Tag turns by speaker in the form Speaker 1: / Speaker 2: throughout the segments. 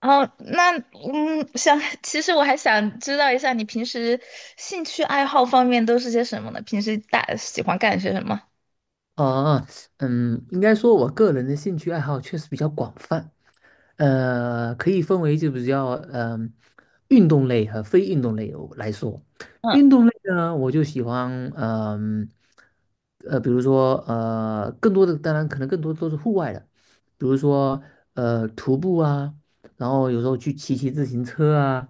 Speaker 1: 哦，那嗯，想，其实我还想知道一下，你平时兴趣爱好方面都是些什么呢？平时大喜欢干些什么？
Speaker 2: 哦，应该说，我个人的兴趣爱好确实比较广泛，可以分为就比较运动类和非运动类有来说。运
Speaker 1: 嗯。
Speaker 2: 动类呢，我就喜欢，嗯比如说，更多的当然可能更多都是户外的，比如说徒步啊，然后有时候去骑骑自行车啊，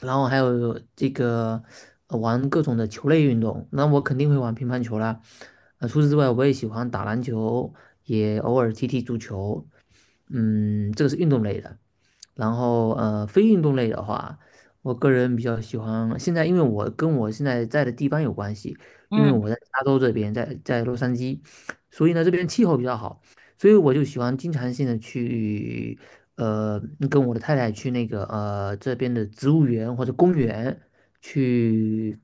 Speaker 2: 然后还有这个玩各种的球类运动，那我肯定会玩乒乓球啦。除此之外，我也喜欢打篮球，也偶尔踢踢足球。这个是运动类的。然后非运动类的话，我个人比较喜欢现在，因为我跟我现在在的地方有关系，因为
Speaker 1: 嗯。
Speaker 2: 我在加州这边，在洛杉矶，所以呢这边气候比较好。所以我就喜欢经常性的去，呃，跟我的太太去那个这边的植物园或者公园去，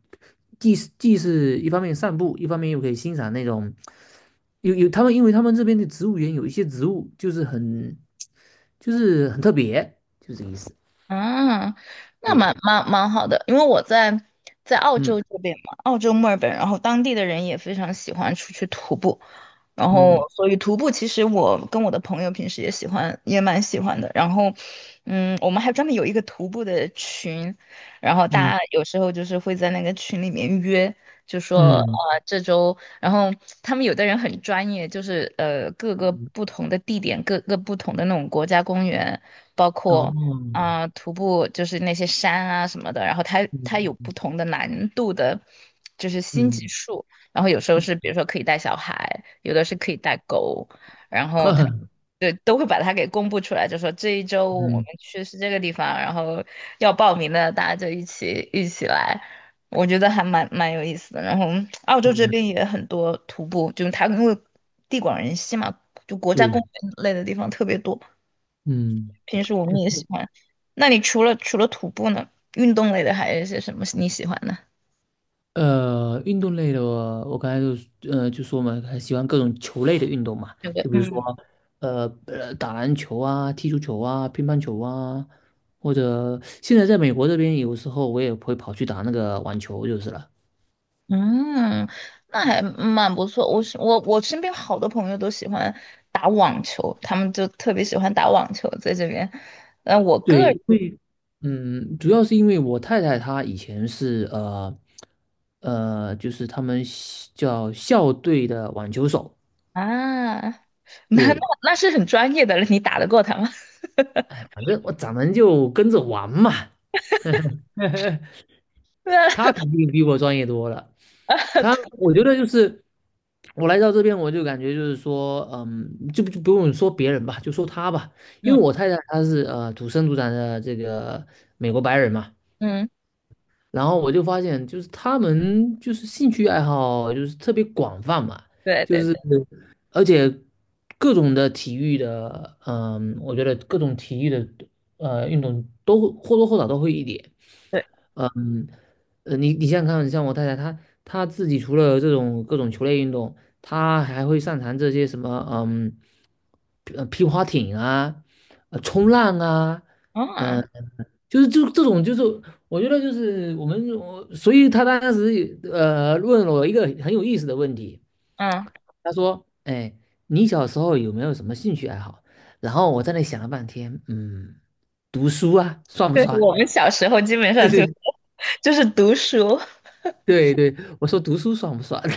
Speaker 2: 既是一方面散步，一方面又可以欣赏那种。有有他们，因为他们这边的植物园有一些植物就是很特别，就是这个意思。
Speaker 1: 啊，那
Speaker 2: 对，
Speaker 1: 蛮好的，因为我在澳
Speaker 2: 嗯
Speaker 1: 洲这边嘛，澳洲墨尔本，然后当地的人也非常喜欢出去徒步，然后，
Speaker 2: 嗯
Speaker 1: 所以徒步其实我跟我的朋友平时也喜欢，也蛮喜欢的。我们还专门有一个徒步的群，然后
Speaker 2: 嗯
Speaker 1: 大家有时候就是会在那个群里面约，就说
Speaker 2: 嗯，
Speaker 1: 这周，然后他们有的人很专业，就是各个
Speaker 2: 嗯
Speaker 1: 不同的地点，各个不同的那种国家公园，包
Speaker 2: 哦，
Speaker 1: 括啊、徒步就是那些山啊什么的，然后他有
Speaker 2: 嗯
Speaker 1: 不同的难度的，就是星级
Speaker 2: 嗯
Speaker 1: 数。然后有时候
Speaker 2: 嗯，
Speaker 1: 是比如说可以带小孩，有的是可以带狗，然后他们 都会把它给公布出来，就说这一周我们
Speaker 2: 嗯，
Speaker 1: 去是这个地方，然后要报名的大家就一起来，我觉得还蛮有意思的。然后澳洲这
Speaker 2: 嗯，
Speaker 1: 边也很多徒步，就是它因为地广人稀嘛，就国家公
Speaker 2: 对，
Speaker 1: 园类的地方特别多，
Speaker 2: 嗯。
Speaker 1: 平时我们也喜欢。那你除了徒步呢，运动类的还有一些什么你喜欢的？
Speaker 2: 运动类的我，刚才就说嘛，很喜欢各种球类的运动嘛，
Speaker 1: 有的。
Speaker 2: 就比如说
Speaker 1: 嗯。
Speaker 2: 打篮球啊、踢足球啊、乒乓球啊，或者现在在美国这边，有时候我也会跑去打那个网球就是了。
Speaker 1: 嗯，那还蛮不错。我是我我身边好多朋友都喜欢打网球，他们就特别喜欢打网球在这边。呃，我个
Speaker 2: 对，
Speaker 1: 人
Speaker 2: 因为主要是因为我太太她以前是，就是他们西叫校队的网球手，
Speaker 1: 啊。那那
Speaker 2: 对，
Speaker 1: 那是很专业的了，你打得过他吗？
Speaker 2: 反正我咱们就跟着玩嘛，
Speaker 1: 对啊。
Speaker 2: 她肯定比我专业多了。他，
Speaker 1: 对。
Speaker 2: 我觉得就是我来到这边，我就感觉就是说，就不用说别人吧，就说他吧，因
Speaker 1: 嗯。
Speaker 2: 为我太太她是土生土长的这个美国白人嘛，
Speaker 1: 嗯。
Speaker 2: 然后我就发现就是他们就是兴趣爱好就是特别广泛嘛，
Speaker 1: 对
Speaker 2: 就
Speaker 1: 对
Speaker 2: 是
Speaker 1: 对
Speaker 2: 而且各种的体育的，我觉得各种体育的运动都或多或少都会一点，
Speaker 1: 对。
Speaker 2: 嗯。你想想看，像我太太，她自己除了这种各种球类运动，她还会擅长这些什么，皮划艇啊，冲浪啊，
Speaker 1: 啊。
Speaker 2: 嗯、就是这种，就是我觉得就是我们，我所以她当时也问了我一个很有意思的问题。
Speaker 1: 嗯。
Speaker 2: 她说，哎，你小时候有没有什么兴趣爱好？然后我在那想了半天，读书啊，算不
Speaker 1: 对，
Speaker 2: 算？
Speaker 1: 我们小时候基本上就 就是读书，
Speaker 2: 对对，我说读书爽不爽？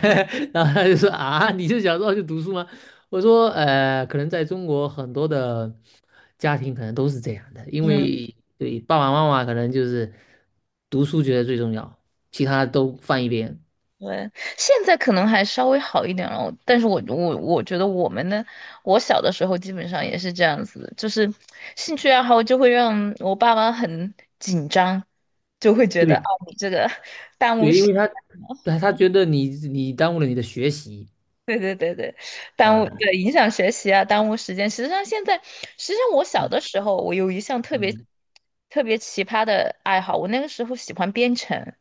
Speaker 2: 然后他就说啊，你就小时候就读书吗？我说可能在中国很多的家庭可能都是这样的，因
Speaker 1: 嗯。
Speaker 2: 为对爸爸妈妈可能就是读书觉得最重要，其他都放一边。
Speaker 1: 对，现在可能还稍微好一点了，但是我觉得我们呢，我小的时候基本上也是这样子的，就是兴趣爱好就会让我爸妈很紧张，就会觉得啊
Speaker 2: 对
Speaker 1: 你这个 耽误
Speaker 2: 对，因
Speaker 1: 时，
Speaker 2: 为
Speaker 1: 间
Speaker 2: 他 对他觉得你耽误了你的学习。
Speaker 1: 对对对对，耽误
Speaker 2: 呃
Speaker 1: 影响学习啊，耽误时间。实际上我小
Speaker 2: 嗯
Speaker 1: 的时候，我有一项特别
Speaker 2: 嗯
Speaker 1: 特别奇葩的爱好，我那个时候喜欢编程，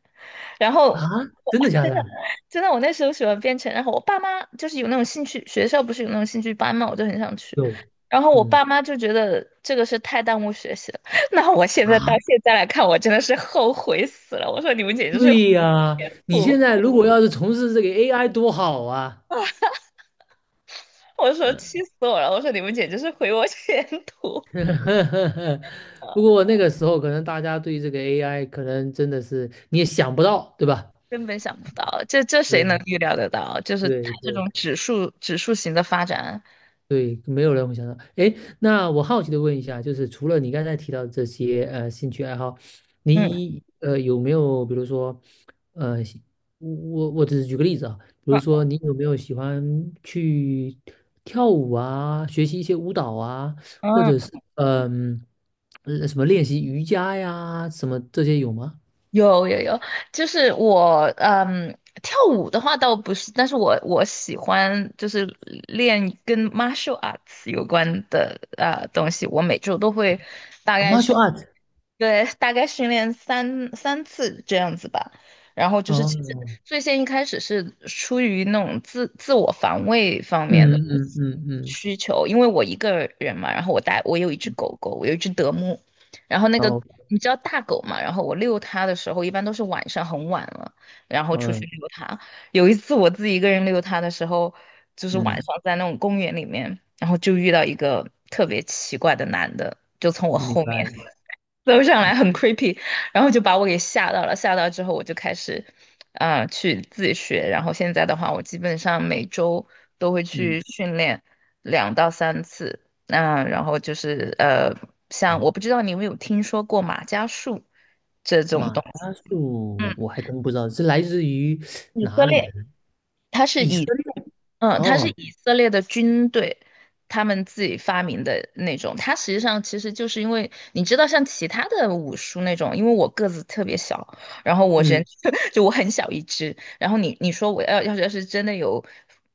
Speaker 1: 然
Speaker 2: 啊，
Speaker 1: 后。
Speaker 2: 真的假的？
Speaker 1: 真的，我那时候喜欢编程，然后我爸妈就是有那种兴趣，学校不是有那种兴趣班嘛，我就很想去。
Speaker 2: 有
Speaker 1: 然后我
Speaker 2: 嗯，
Speaker 1: 爸妈就觉得这个是太耽误学习了。那我现在到
Speaker 2: 啊
Speaker 1: 现在来看，我真的是后悔死了。我说你们简直是毁
Speaker 2: 对
Speaker 1: 我
Speaker 2: 呀，
Speaker 1: 前
Speaker 2: 你现
Speaker 1: 途，
Speaker 2: 在如果要是从事这个 AI 多好啊！
Speaker 1: 我说
Speaker 2: 嗯。
Speaker 1: 气死我了。我说你们简直是毁我前途。
Speaker 2: 不
Speaker 1: 呃，
Speaker 2: 过那个时候可能大家对这个 AI 可能真的是你也想不到，对吧？
Speaker 1: 根本想不到，这谁能
Speaker 2: 对
Speaker 1: 预料得到？就是它
Speaker 2: 对
Speaker 1: 这
Speaker 2: 对
Speaker 1: 种指数型的发展，
Speaker 2: 对，没有人会想到。哎，那我好奇的问一下，就是除了你刚才提到这些兴趣爱好，
Speaker 1: 嗯。
Speaker 2: 你有没有比如说，呃，喜我只是举个例子啊，比如说
Speaker 1: 嗯。
Speaker 2: 你有没有喜欢去跳舞啊，学习一些舞蹈啊，或者
Speaker 1: 嗯。
Speaker 2: 是什么练习瑜伽呀，什么这些有吗？
Speaker 1: 有有有，就是我嗯，跳舞的话倒不是，但是我喜欢就是练跟 martial arts 有关的东西，我每周都会大
Speaker 2: 啊
Speaker 1: 概是。
Speaker 2: ，martial art。
Speaker 1: 对，大概训练三次这样子吧。然后就是其实
Speaker 2: 哦，
Speaker 1: 最先一开始是出于那种自我防卫方面
Speaker 2: 嗯
Speaker 1: 的
Speaker 2: 嗯嗯嗯，
Speaker 1: 需求，因为我一个人嘛，然后我有一只狗狗，我有一只德牧，然后那个
Speaker 2: 哦，
Speaker 1: 你知道大狗嘛，然后我遛它的时候一般都是晚上很晚了，然后出去
Speaker 2: 嗯
Speaker 1: 遛它。有一次我自己一个人遛它的时候，就是晚
Speaker 2: 嗯，
Speaker 1: 上在那种公园里面，然后就遇到一个特别奇怪的男的，就从我
Speaker 2: 明
Speaker 1: 后
Speaker 2: 白
Speaker 1: 面
Speaker 2: 了，
Speaker 1: 走上来，
Speaker 2: 嗯
Speaker 1: 很 creepy，然后就把我给吓到了。吓到之后，我就开始，啊、去自学。然后现在的话，我基本上每周都会去训练2到3次。那、然后就是呃，像
Speaker 2: 嗯。
Speaker 1: 我不知道你有没有听说过马伽术这种
Speaker 2: 马
Speaker 1: 东西。
Speaker 2: 铃术
Speaker 1: 嗯，
Speaker 2: 我还真不知道是来自于
Speaker 1: 以色
Speaker 2: 哪里的
Speaker 1: 列。
Speaker 2: 呢？
Speaker 1: 它是
Speaker 2: 以色
Speaker 1: 以
Speaker 2: 列
Speaker 1: 嗯，它是
Speaker 2: 哦，
Speaker 1: 以色列的军队，他们自己发明的那种。它实际上其实就是因为你知道，像其他的武术那种，因为我个子特别小，然后我人
Speaker 2: 嗯
Speaker 1: 就我很小一只，然后你你说我要是真的有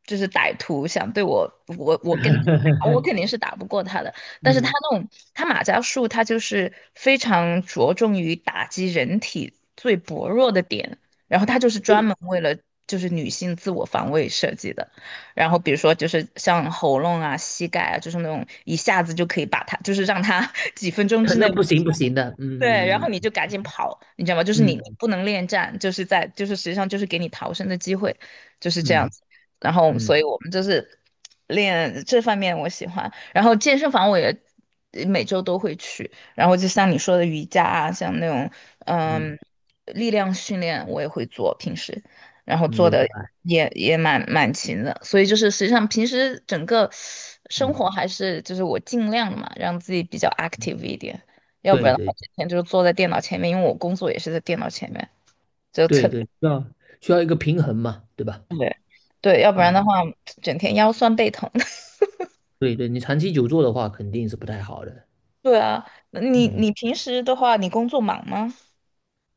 Speaker 1: 就是歹徒想对我，我跟他打，我肯定 是打不过他的。但是他
Speaker 2: 嗯，
Speaker 1: 那种马伽术，他就是非常着重于打击人体最薄弱的点。然后它就是专门
Speaker 2: 有
Speaker 1: 为了就是女性自我防卫设计的。然后比如说就是像喉咙啊、膝盖啊，就是那种一下子就可以把它，就是让它 几分钟
Speaker 2: 可
Speaker 1: 之内
Speaker 2: 能不行不行的，
Speaker 1: 对，然后
Speaker 2: 嗯
Speaker 1: 你就赶紧跑，你知道吗？就是你
Speaker 2: 嗯
Speaker 1: 不能恋战，就是在就是实际上就是给你逃生的机会，就是这样
Speaker 2: 嗯
Speaker 1: 子。然后，
Speaker 2: 嗯
Speaker 1: 所以我们就是练这方面我喜欢。然后健身房我也每周都会去。然后就像你说的瑜伽啊，像那种
Speaker 2: 嗯，
Speaker 1: 嗯力量训练我也会做，平时然后
Speaker 2: 嗯
Speaker 1: 做
Speaker 2: 明
Speaker 1: 的
Speaker 2: 白，
Speaker 1: 也蛮勤的。所以就是实际上平时整个生
Speaker 2: 嗯，
Speaker 1: 活还是就是我尽量嘛，让自己比较
Speaker 2: 嗯
Speaker 1: active 一点。要不
Speaker 2: 对
Speaker 1: 然的话，
Speaker 2: 对
Speaker 1: 整天就是坐在电脑前面，因为我工作也是在电脑前面，就特
Speaker 2: 对对，需要一个平衡嘛，对吧？
Speaker 1: 对对，要不然的
Speaker 2: 嗯，
Speaker 1: 话，整天腰酸背疼。
Speaker 2: 对对，你长期久坐的话肯定是不太好的，
Speaker 1: 对啊，那你
Speaker 2: 嗯。
Speaker 1: 你平时的话，你工作忙吗？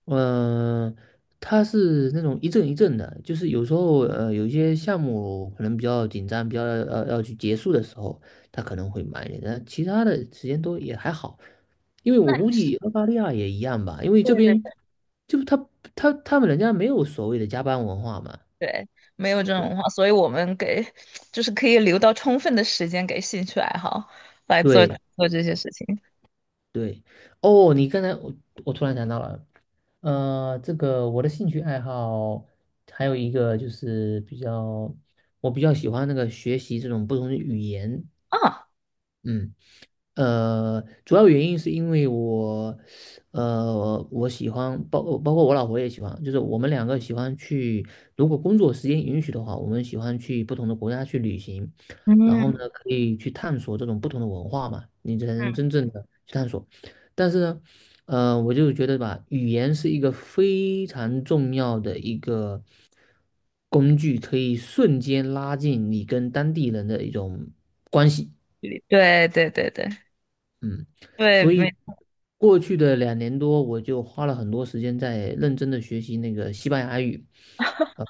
Speaker 2: 嗯、他是那种一阵一阵的，就是有时候有一些项目可能比较紧张，比较要去结束的时候，他可能会慢一点，但其他的时间都也还好。因为我
Speaker 1: 那
Speaker 2: 估计澳大利亚也一样吧，因为
Speaker 1: 对
Speaker 2: 这
Speaker 1: 对
Speaker 2: 边就他他他们人家没有所谓的加班文化嘛。
Speaker 1: 对，没有这种话，所以我们给就是可以留到充分的时间给兴趣爱好来做
Speaker 2: 对
Speaker 1: 做这些事情
Speaker 2: 对，哦，你刚才我突然想到了，这个我的兴趣爱好还有一个就是比较，我比较喜欢那个学习这种不同的语言，
Speaker 1: 啊。
Speaker 2: 嗯，主要原因是因为我，我喜欢包括我老婆也喜欢，就是我们两个喜欢去，如果工作时间允许的话，我们喜欢去不同的国家去旅行，然后呢，
Speaker 1: 嗯。
Speaker 2: 可以去探索这种不同的文化嘛，你才能
Speaker 1: 嗯，
Speaker 2: 真正的去探索。但是呢，我就觉得吧，语言是一个非常重要的一个工具，可以瞬间拉近你跟当地人的一种。
Speaker 1: 对对对对
Speaker 2: 嗯，
Speaker 1: 对，
Speaker 2: 所以
Speaker 1: 没。
Speaker 2: 过去的2年多，我就花了很多时间在认真的学习那个西班牙语，呃，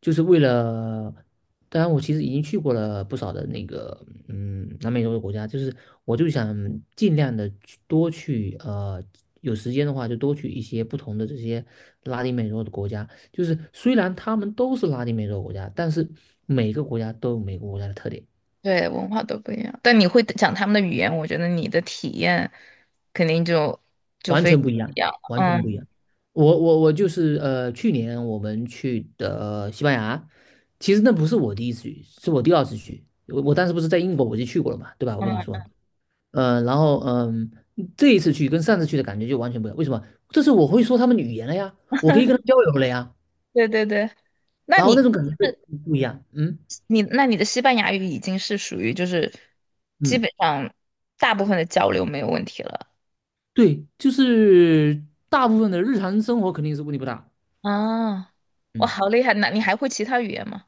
Speaker 2: 就是为了，当然我其实已经去过了不少的那个，南美洲的国家，就是我就想尽量的多去，有时间的话就多去一些不同的这些拉丁美洲的国家。就是虽然他们都是拉丁美洲国家，但是每个国家都有每个国家的特点。
Speaker 1: 对，文化都不一样，但你会讲他们的语言，我觉得你的体验肯定就就
Speaker 2: 完
Speaker 1: 非
Speaker 2: 全
Speaker 1: 常
Speaker 2: 不一
Speaker 1: 不
Speaker 2: 样，
Speaker 1: 一样了
Speaker 2: 完全不一样。
Speaker 1: 嗯。
Speaker 2: 我就是去年我们去的西班牙，其实那不是我第一次去，是我第二次去。我当时不是在英国我就去过了嘛，对吧？我跟你说了。
Speaker 1: 嗯，
Speaker 2: 然后这一次去跟上次去的感觉就完全不一样。为什么？这是我会说他们的语言了呀，我可以跟他交流了呀，
Speaker 1: 对对对，那
Speaker 2: 然后那
Speaker 1: 你
Speaker 2: 种感觉就不一样。嗯
Speaker 1: 你那你的西班牙语已经是属于就是基
Speaker 2: 嗯，
Speaker 1: 本上大部分的交流没有问题了
Speaker 2: 对，就是大部分的日常生活肯定是问题不大。
Speaker 1: 啊，哇，
Speaker 2: 嗯。
Speaker 1: 好厉害！那你还会其他语言吗？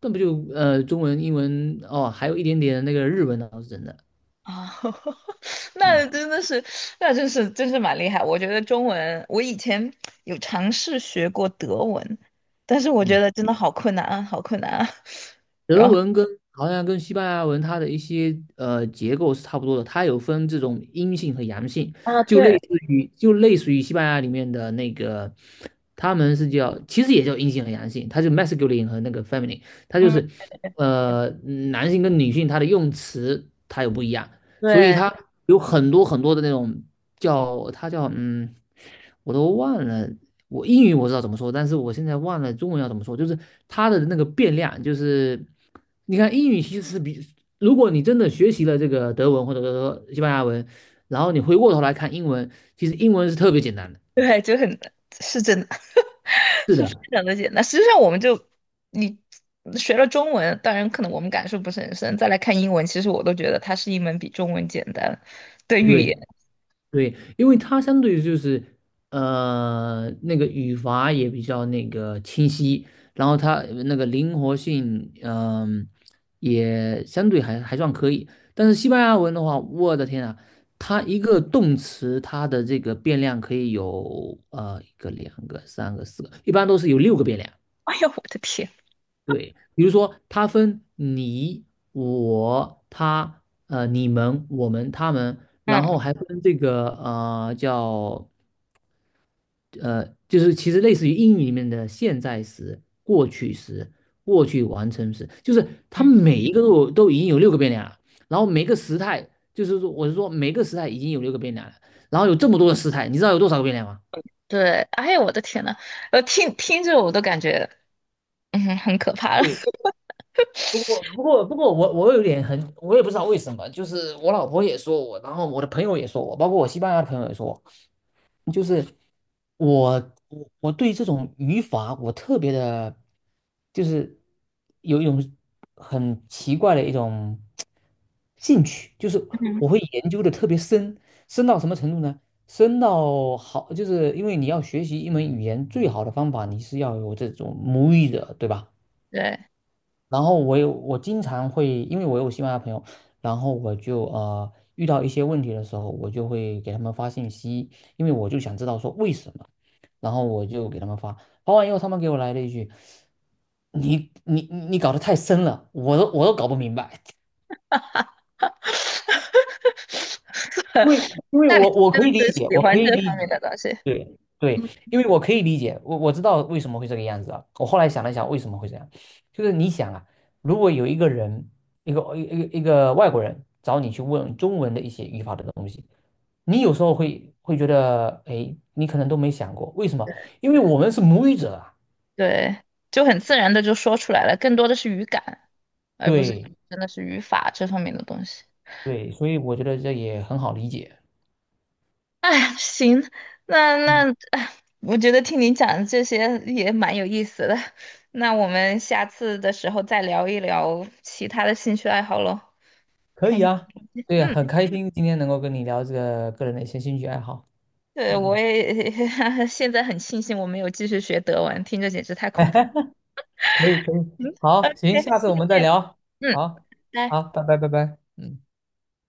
Speaker 2: 那不就中文、英文哦，还有一点点那个日文倒是真的。
Speaker 1: 啊。
Speaker 2: 嗯
Speaker 1: 那真的是。那真是真是蛮厉害。我觉得中文，我以前有尝试学过德文，但是我觉
Speaker 2: 嗯，
Speaker 1: 得真的好困难啊，好困难啊。然
Speaker 2: 德
Speaker 1: 后，
Speaker 2: 文跟好像跟西班牙文它的一些结构是差不多的，它有分这种阴性和阳性，
Speaker 1: 啊，对。
Speaker 2: 就类似于西班牙里面的那个，他们是叫其实也叫阴性和阳性，它就 masculine 和那个 feminine，它就
Speaker 1: 嗯，
Speaker 2: 是呃男性跟女性它的用词它有不一样，所以
Speaker 1: 对。
Speaker 2: 它有很多很多的那种叫我都忘了，我英语我知道怎么说，但是我现在忘了中文要怎么说。就是它的那个变量，就是你看英语其实是比，如果你真的学习了这个德文或者说西班牙文，然后你回过头来看英文，其实英文是特别简单的。
Speaker 1: 对，就很，是真的，
Speaker 2: 是
Speaker 1: 是非
Speaker 2: 的，
Speaker 1: 常的简单。实际上，我们就你学了中文，当然可能我们感受不是很深，再来看英文，其实我都觉得它是一门比中文简单的语言。
Speaker 2: 对，对，因为它相对于就是，那个语法也比较那个清晰，然后它那个灵活性，也相对还算可以。但是西班牙文的话，我的天啊，它一个动词，它的这个变量可以有1个、2个、3个、4个，一般都是有六个变量。
Speaker 1: 哎呀，我的天！
Speaker 2: 对，比如说它分你、我、他、你们、我们、他们，
Speaker 1: 嗯。
Speaker 2: 然
Speaker 1: 嗯。
Speaker 2: 后还分这个呃叫呃，就是其实类似于英语里面的现在时、过去时、过去完成时，就是它每一个都都已经有六个变量了，然后每个时态就是说我是说每个时态已经有六个变量了，然后有这么多的时态，你知道有多少个变量吗？
Speaker 1: 对，哎呀，我的天呐，听听着我都感觉，嗯，很可怕了。
Speaker 2: 对，不过我有点很，我也不知道为什么。就是我老婆也说我，然后我的朋友也说我，包括我西班牙的朋友也说我，就是我，我对这种语法我特别的，就是有一种很奇怪的一种兴趣，就是
Speaker 1: 嗯，
Speaker 2: 我会研究的特别深，深到什么程度呢？深到好，就是因为你要学习一门语言，最好的方法你是要有这种母语者，对吧？
Speaker 1: 对，
Speaker 2: 然后我经常会，因为我有西班牙朋友，然后我就遇到一些问题的时候，我就会给他们发信息，因为我就想知道说为什么，然后我就给他们发，发完以后他们给我来了一句：“你你搞得太深了，我都搞不明白。” 因为因为
Speaker 1: 那你
Speaker 2: 我
Speaker 1: 真
Speaker 2: 可
Speaker 1: 的
Speaker 2: 以理
Speaker 1: 是
Speaker 2: 解，
Speaker 1: 喜
Speaker 2: 我可
Speaker 1: 欢
Speaker 2: 以
Speaker 1: 这
Speaker 2: 理
Speaker 1: 方
Speaker 2: 解，
Speaker 1: 面的东西，
Speaker 2: 对对，因为我可以理解，我知道为什么会这个样子啊。我后来想了想，为什么会这样，就是你想啊，如果有一个人，一个外国人找你去问中文的一些语法的东西，你有时候会觉得，哎，你可能都没想过，为什么？因为我们是母语者啊。
Speaker 1: 对，就很自然的就说出来了，更多的是语感，而不是
Speaker 2: 对
Speaker 1: 真的是语法这方面的东西。
Speaker 2: 对，所以我觉得这也很好理解。
Speaker 1: 哎，行，那，
Speaker 2: 嗯，
Speaker 1: 哎，我觉得听你讲这些也蛮有意思的，那我们下次的时候再聊一聊其他的兴趣爱好喽，
Speaker 2: 可
Speaker 1: 看
Speaker 2: 以
Speaker 1: 看，
Speaker 2: 啊，对啊，
Speaker 1: 嗯。
Speaker 2: 很开心今天能够跟你聊这个个人的一些兴趣爱好。
Speaker 1: 对，我
Speaker 2: 嗯。
Speaker 1: 也 现在很庆幸我没有继续学德文，听着简直太恐怖了。
Speaker 2: 可以可以，
Speaker 1: 嗯
Speaker 2: 好，行，
Speaker 1: ，OK，
Speaker 2: 下次
Speaker 1: 谢
Speaker 2: 我们再
Speaker 1: 谢，
Speaker 2: 聊，
Speaker 1: 嗯，
Speaker 2: 好，
Speaker 1: 拜。
Speaker 2: 好，拜拜拜拜，嗯。